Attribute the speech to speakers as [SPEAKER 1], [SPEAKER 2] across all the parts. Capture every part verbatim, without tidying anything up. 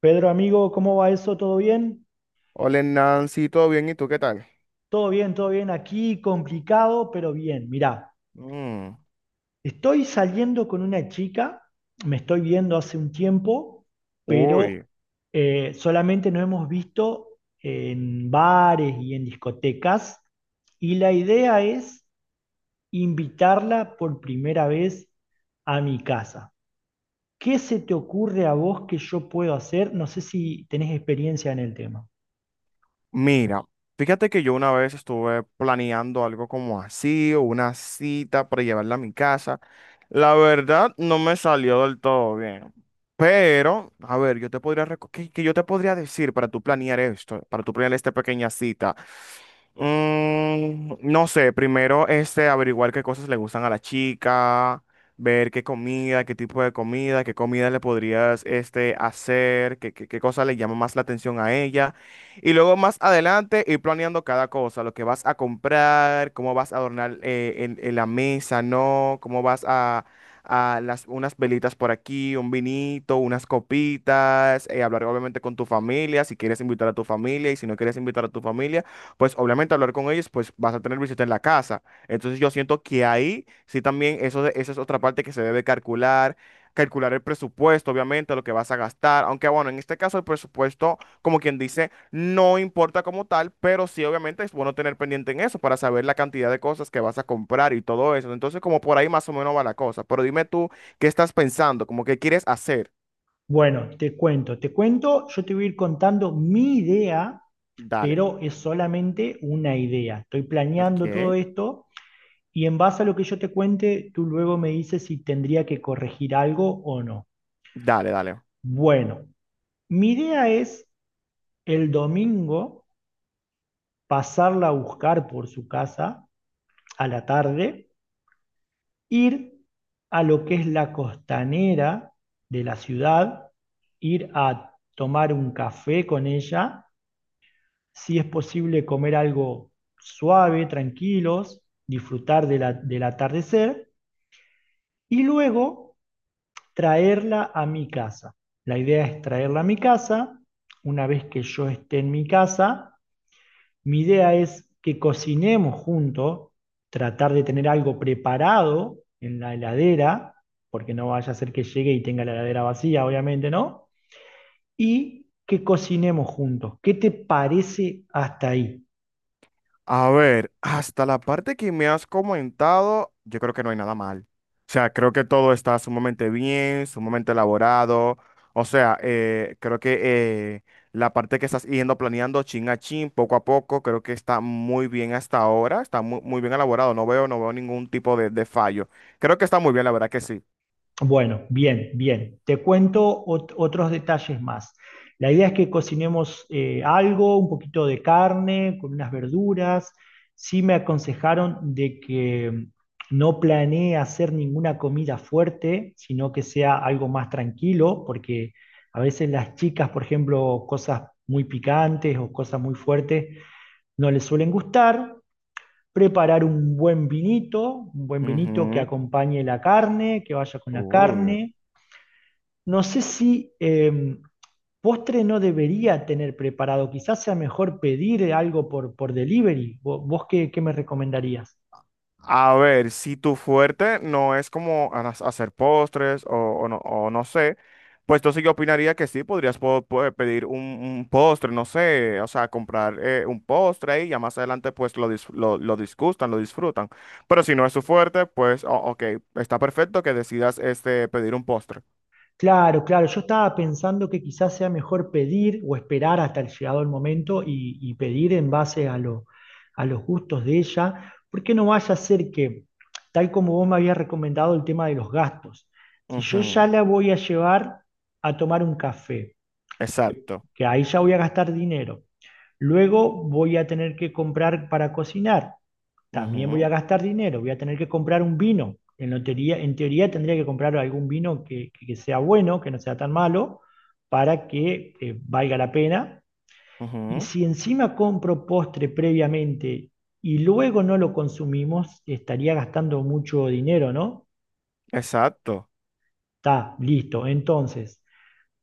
[SPEAKER 1] Pedro, amigo, ¿cómo va eso? ¿Todo bien?
[SPEAKER 2] Hola Nancy, ¿todo bien? ¿Y tú qué tal?
[SPEAKER 1] Todo bien, todo bien. Aquí complicado, pero bien. Mirá,
[SPEAKER 2] Mm,
[SPEAKER 1] estoy saliendo con una chica, me estoy viendo hace un tiempo, pero
[SPEAKER 2] uy,
[SPEAKER 1] eh, solamente nos hemos visto en bares y en discotecas. Y la idea es invitarla por primera vez a mi casa. ¿Qué se te ocurre a vos que yo puedo hacer? No sé si tenés experiencia en el tema.
[SPEAKER 2] mira, fíjate que yo una vez estuve planeando algo como así, o una cita para llevarla a mi casa. La verdad, no me salió del todo bien. Pero, a ver, yo te podría, reco- ¿qué, qué yo te podría decir para tú planear esto, para tú planear esta pequeña cita? Mm, no sé, primero este, averiguar qué cosas le gustan a la chica, ver qué comida, qué tipo de comida, qué comida le podrías este, hacer, qué, qué, qué cosa le llama más la atención a ella. Y luego más adelante ir planeando cada cosa, lo que vas a comprar, cómo vas a adornar eh, en, en la mesa, ¿no? Cómo vas a, a las, unas velitas por aquí, un vinito, unas copitas, eh, hablar obviamente con tu familia, si quieres invitar a tu familia y si no quieres invitar a tu familia, pues obviamente hablar con ellos, pues vas a tener visita en la casa. Entonces yo siento que ahí sí también eso, de- esa es otra parte que se debe calcular. Calcular el presupuesto, obviamente, lo que vas a gastar, aunque bueno, en este caso el presupuesto, como quien dice, no importa como tal, pero sí obviamente es bueno tener pendiente en eso para saber la cantidad de cosas que vas a comprar y todo eso. Entonces, como por ahí más o menos va la cosa. Pero dime tú, ¿qué estás pensando? ¿Como qué quieres hacer?
[SPEAKER 1] Bueno, te cuento, te cuento, yo te voy a ir contando mi idea,
[SPEAKER 2] Dale.
[SPEAKER 1] pero es solamente una idea. Estoy planeando todo
[SPEAKER 2] Ok.
[SPEAKER 1] esto y en base a lo que yo te cuente, tú luego me dices si tendría que corregir algo o no.
[SPEAKER 2] Dale, dale.
[SPEAKER 1] Bueno, mi idea es el domingo pasarla a buscar por su casa a la tarde, ir a lo que es la costanera de la ciudad, ir a tomar un café con ella, si es posible comer algo suave, tranquilos, disfrutar de la- del atardecer y luego traerla a mi casa. La idea es traerla a mi casa. Una vez que yo esté en mi casa, mi idea es que cocinemos juntos, tratar de tener algo preparado en la heladera, porque no vaya a ser que llegue y tenga la heladera vacía, obviamente, ¿no? Y que cocinemos juntos. ¿Qué te parece hasta ahí?
[SPEAKER 2] A ver, hasta la parte que me has comentado, yo creo que no hay nada mal. O sea, creo que todo está sumamente bien, sumamente elaborado. O sea, eh, creo que eh, la parte que estás yendo planeando chin a chin, poco a poco, creo que está muy bien hasta ahora, está mu- muy, bien elaborado. No veo, no veo ningún tipo de, de fallo. Creo que está muy bien, la verdad que sí.
[SPEAKER 1] Bueno, bien, bien. Te cuento ot- otros detalles más. La idea es que cocinemos eh, algo, un poquito de carne, con unas verduras. Sí me aconsejaron de que mm, no planee hacer ninguna comida fuerte, sino que sea algo más tranquilo, porque a veces las chicas, por ejemplo, cosas muy picantes o cosas muy fuertes no les suelen gustar. Preparar un buen vinito, un buen vinito que
[SPEAKER 2] Ujú.
[SPEAKER 1] acompañe la carne, que vaya con la
[SPEAKER 2] Uy.
[SPEAKER 1] carne. No sé si eh, postre no debería tener preparado, quizás sea mejor pedir algo por, por delivery. ¿Vo- ¿Vos, qué, qué me recomendarías?
[SPEAKER 2] A ver, si tu fuerte no es como a- hacer postres o, o no, o no sé, pues entonces yo opinaría que sí, podrías po- po- pedir un, un postre, no sé, o sea, comprar eh, un postre ahí, ya más adelante pues lo, dis- lo, lo disgustan, lo disfrutan. Pero si no es tu fuerte, pues o- ok, está perfecto que decidas este, pedir un postre.
[SPEAKER 1] Claro, claro, yo estaba pensando que quizás sea mejor pedir o esperar hasta el llegado el momento y, y pedir en base a, lo- a los gustos de ella, porque no vaya a ser que, tal como vos me habías recomendado el tema de los gastos, si yo ya
[SPEAKER 2] Ujú,
[SPEAKER 1] la voy a llevar a tomar un café, que
[SPEAKER 2] exacto.
[SPEAKER 1] que ahí ya voy a gastar dinero. Luego voy a tener que comprar para cocinar. También voy
[SPEAKER 2] Ujú,
[SPEAKER 1] a gastar dinero. Voy a tener que comprar un vino. En, lo teoría, en teoría tendría que comprar algún vino que, que sea bueno, que no sea tan malo, para que eh, valga la pena. Y
[SPEAKER 2] ujú,
[SPEAKER 1] si encima compro postre previamente y luego no lo consumimos, estaría gastando mucho dinero, ¿no?
[SPEAKER 2] exacto.
[SPEAKER 1] Está, listo. Entonces,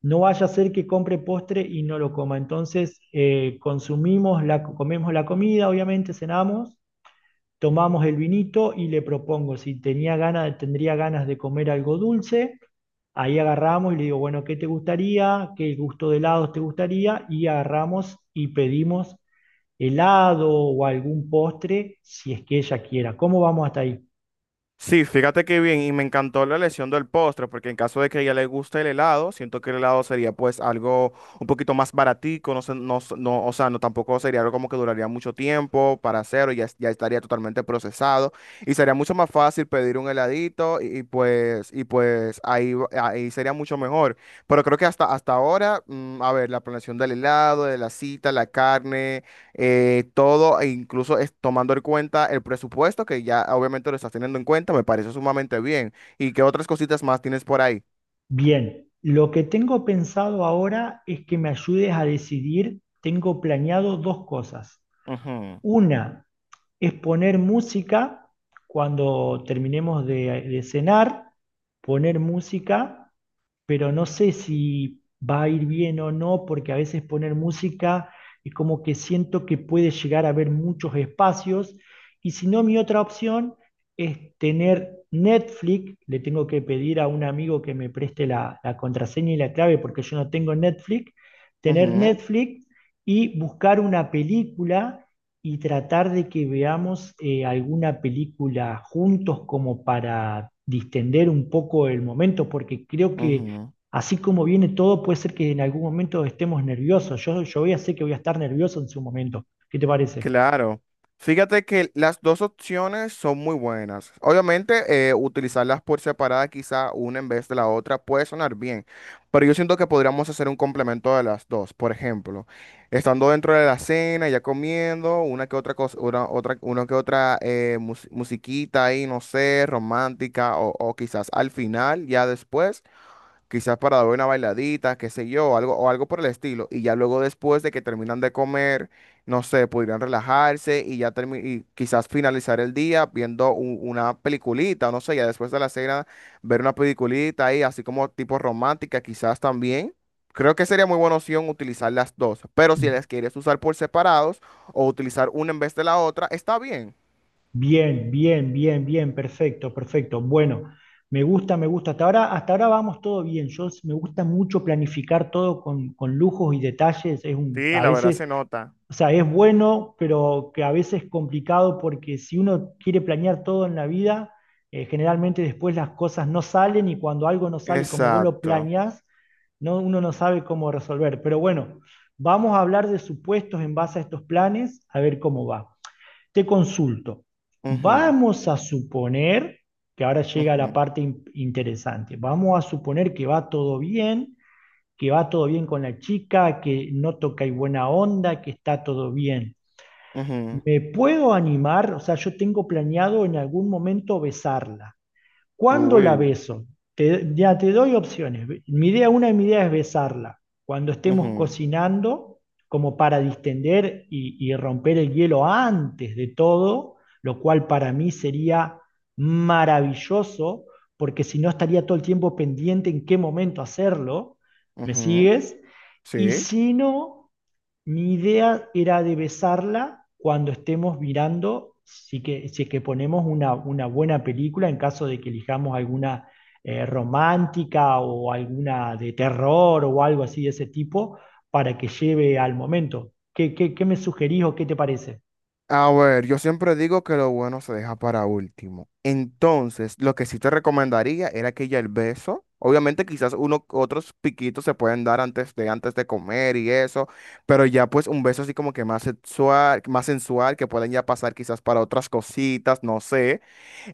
[SPEAKER 1] no vaya a ser que compre postre y no lo coma. Entonces, eh, consumimos la, comemos la comida, obviamente, cenamos, tomamos el vinito y le propongo si tenía ganas, tendría ganas de comer algo dulce. Ahí agarramos y le digo, bueno, ¿qué te gustaría? ¿Qué gusto de helados te gustaría? Y agarramos y pedimos helado o algún postre si es que ella quiera. ¿Cómo vamos hasta ahí?
[SPEAKER 2] Sí, fíjate qué bien, y me encantó la elección del postre, porque en caso de que a ella le guste el helado, siento que el helado sería pues algo un poquito más baratico, no sé, no, s- no, o sea, no tampoco sería algo como que duraría mucho tiempo para hacerlo, ya, es- ya estaría totalmente procesado, y sería mucho más fácil pedir un heladito, y, y, pues, y pues ahí, va- ahí sería mucho mejor. Pero creo que hasta, hasta ahora, mm, a ver, la planeación del helado, de la cita, la carne eh, todo, e incluso es tomando en cuenta el presupuesto, que ya obviamente lo estás teniendo en cuenta, me parece sumamente bien. ¿Y qué otras cositas más tienes por ahí?
[SPEAKER 1] Bien, lo que tengo pensado ahora es que me ayudes a decidir, tengo planeado dos cosas.
[SPEAKER 2] Ujú,
[SPEAKER 1] Una, es poner música cuando terminemos de, de cenar, poner música, pero no sé si va a ir bien o no, porque a veces poner música es como que siento que puede llegar a haber muchos espacios, y si no, mi otra opción es tener Netflix, le tengo que pedir a un amigo que me preste la, la contraseña y la clave porque yo no tengo Netflix, tener
[SPEAKER 2] ujú,
[SPEAKER 1] Netflix y buscar una película y tratar de que veamos eh, alguna película juntos como para distender un poco el momento, porque creo que
[SPEAKER 2] ujú.
[SPEAKER 1] así como viene todo, puede ser que en algún momento estemos nerviosos. Yo, yo voy a sé que voy a estar nervioso en su momento. ¿Qué te parece?
[SPEAKER 2] Claro. Fíjate que las dos opciones son muy buenas. Obviamente, eh, utilizarlas por separada, quizá una en vez de la otra, puede sonar bien, pero yo siento que podríamos hacer un complemento de las dos. Por ejemplo, estando dentro de la cena, ya comiendo, una que otra cosa, una, otra, una que otra eh, mus- musiquita ahí, no sé, romántica, o, o quizás al final, ya después quizás para dar una bailadita, qué sé yo, algo, o algo por el estilo. Y ya luego después de que terminan de comer, no sé, podrían relajarse y ya termi- y quizás finalizar el día viendo u- una peliculita, no sé, ya después de la cena, ver una peliculita ahí, así como tipo romántica, quizás también. Creo que sería muy buena opción utilizar las dos, pero si las quieres usar por separados o utilizar una en vez de la otra, está bien.
[SPEAKER 1] Bien, bien, bien, bien, perfecto, perfecto. Bueno, me gusta, me gusta. Hasta ahora, hasta ahora vamos todo bien. Yo s- me gusta mucho planificar todo con, con lujos y detalles. Es un,
[SPEAKER 2] Sí,
[SPEAKER 1] a
[SPEAKER 2] la verdad
[SPEAKER 1] veces.
[SPEAKER 2] se nota.
[SPEAKER 1] O sea, es bueno, pero que a veces es complicado porque si uno quiere planear todo en la vida, eh, generalmente después las cosas no salen y cuando algo no sale como vos lo
[SPEAKER 2] Exacto.
[SPEAKER 1] planeás, no, uno no sabe cómo resolver. Pero bueno, vamos a hablar de supuestos en base a estos planes, a ver cómo va. Te consulto.
[SPEAKER 2] Ujú,
[SPEAKER 1] Vamos a suponer, que ahora llega la
[SPEAKER 2] ujú,
[SPEAKER 1] parte in- interesante, vamos a suponer que va todo bien, que va todo bien con la chica, que no toca y buena onda, que está todo bien.
[SPEAKER 2] ujú.
[SPEAKER 1] ¿Me puedo animar? O sea, yo tengo planeado en algún momento besarla. ¿Cuándo la
[SPEAKER 2] Uy.
[SPEAKER 1] beso? Te- ya te doy opciones. Mi idea, una de mis ideas es besarla cuando estemos
[SPEAKER 2] Ujú.
[SPEAKER 1] cocinando, como para distender y, y romper el hielo antes de todo, lo cual para mí sería maravilloso, porque si no estaría todo el tiempo pendiente en qué momento hacerlo. ¿Me
[SPEAKER 2] Ujú,
[SPEAKER 1] sigues? Y
[SPEAKER 2] sí.
[SPEAKER 1] si no, mi idea era de besarla cuando estemos mirando, si que, si es que ponemos una, una buena película, en caso de que elijamos alguna eh, romántica o alguna de terror o algo así de ese tipo, para que lleve al momento. ¿Qué, qué, qué me sugerís o qué te parece?
[SPEAKER 2] A ver, yo siempre digo que lo bueno se deja para último. Entonces, lo que sí te recomendaría era que ya el beso, obviamente quizás uno, otros piquitos se pueden dar antes de, antes de comer y eso, pero ya pues un beso así como que más sexual, más sensual, que pueden ya pasar quizás para otras cositas, no sé.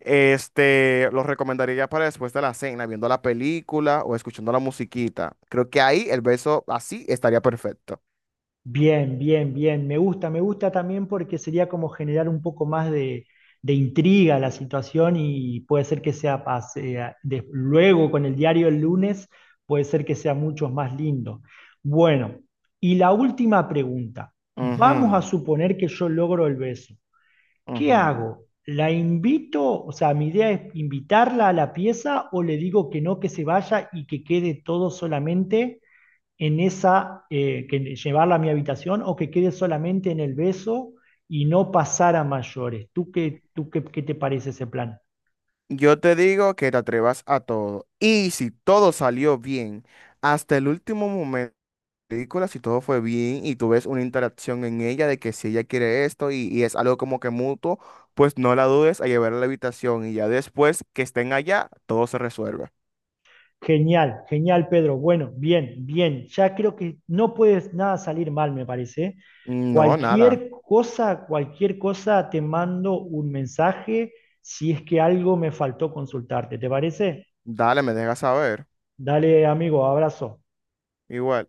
[SPEAKER 2] Este, lo recomendaría ya para después de la cena, viendo la película o escuchando la musiquita. Creo que ahí el beso así estaría perfecto.
[SPEAKER 1] Bien, bien, bien. Me gusta, me gusta también porque sería como generar un poco más de, de intriga a la situación y puede ser que sea, pas- eh, de- luego con el diario el lunes, puede ser que sea mucho más lindo. Bueno, y la última pregunta. Vamos a
[SPEAKER 2] Ujú,
[SPEAKER 1] suponer que yo logro el beso. ¿Qué
[SPEAKER 2] ujú.
[SPEAKER 1] hago? ¿La invito? O sea, mi idea es invitarla a la pieza o le digo que no, que se vaya y que quede todo solamente en esa, eh, que llevarla a mi habitación o que quede solamente en el beso y no pasar a mayores. ¿Tú qué, ¿tú qué, qué te parece ese plan?
[SPEAKER 2] Yo te digo que te atrevas a todo. Y si todo salió bien, hasta el último momento de la película, si todo fue bien y tú ves una interacción en ella de que si ella quiere esto y, y es algo como que mutuo, pues no la dudes a llevarla a la habitación y ya después que estén allá, todo se resuelve.
[SPEAKER 1] Genial, genial, Pedro. Bueno, bien, bien. Ya creo que no puedes nada salir mal, me parece.
[SPEAKER 2] No, nada.
[SPEAKER 1] Cualquier cosa, cualquier cosa, te mando un mensaje si es que algo me faltó consultarte. ¿Te parece?
[SPEAKER 2] Dale, me dejas saber.
[SPEAKER 1] Dale, amigo, abrazo.
[SPEAKER 2] Igual.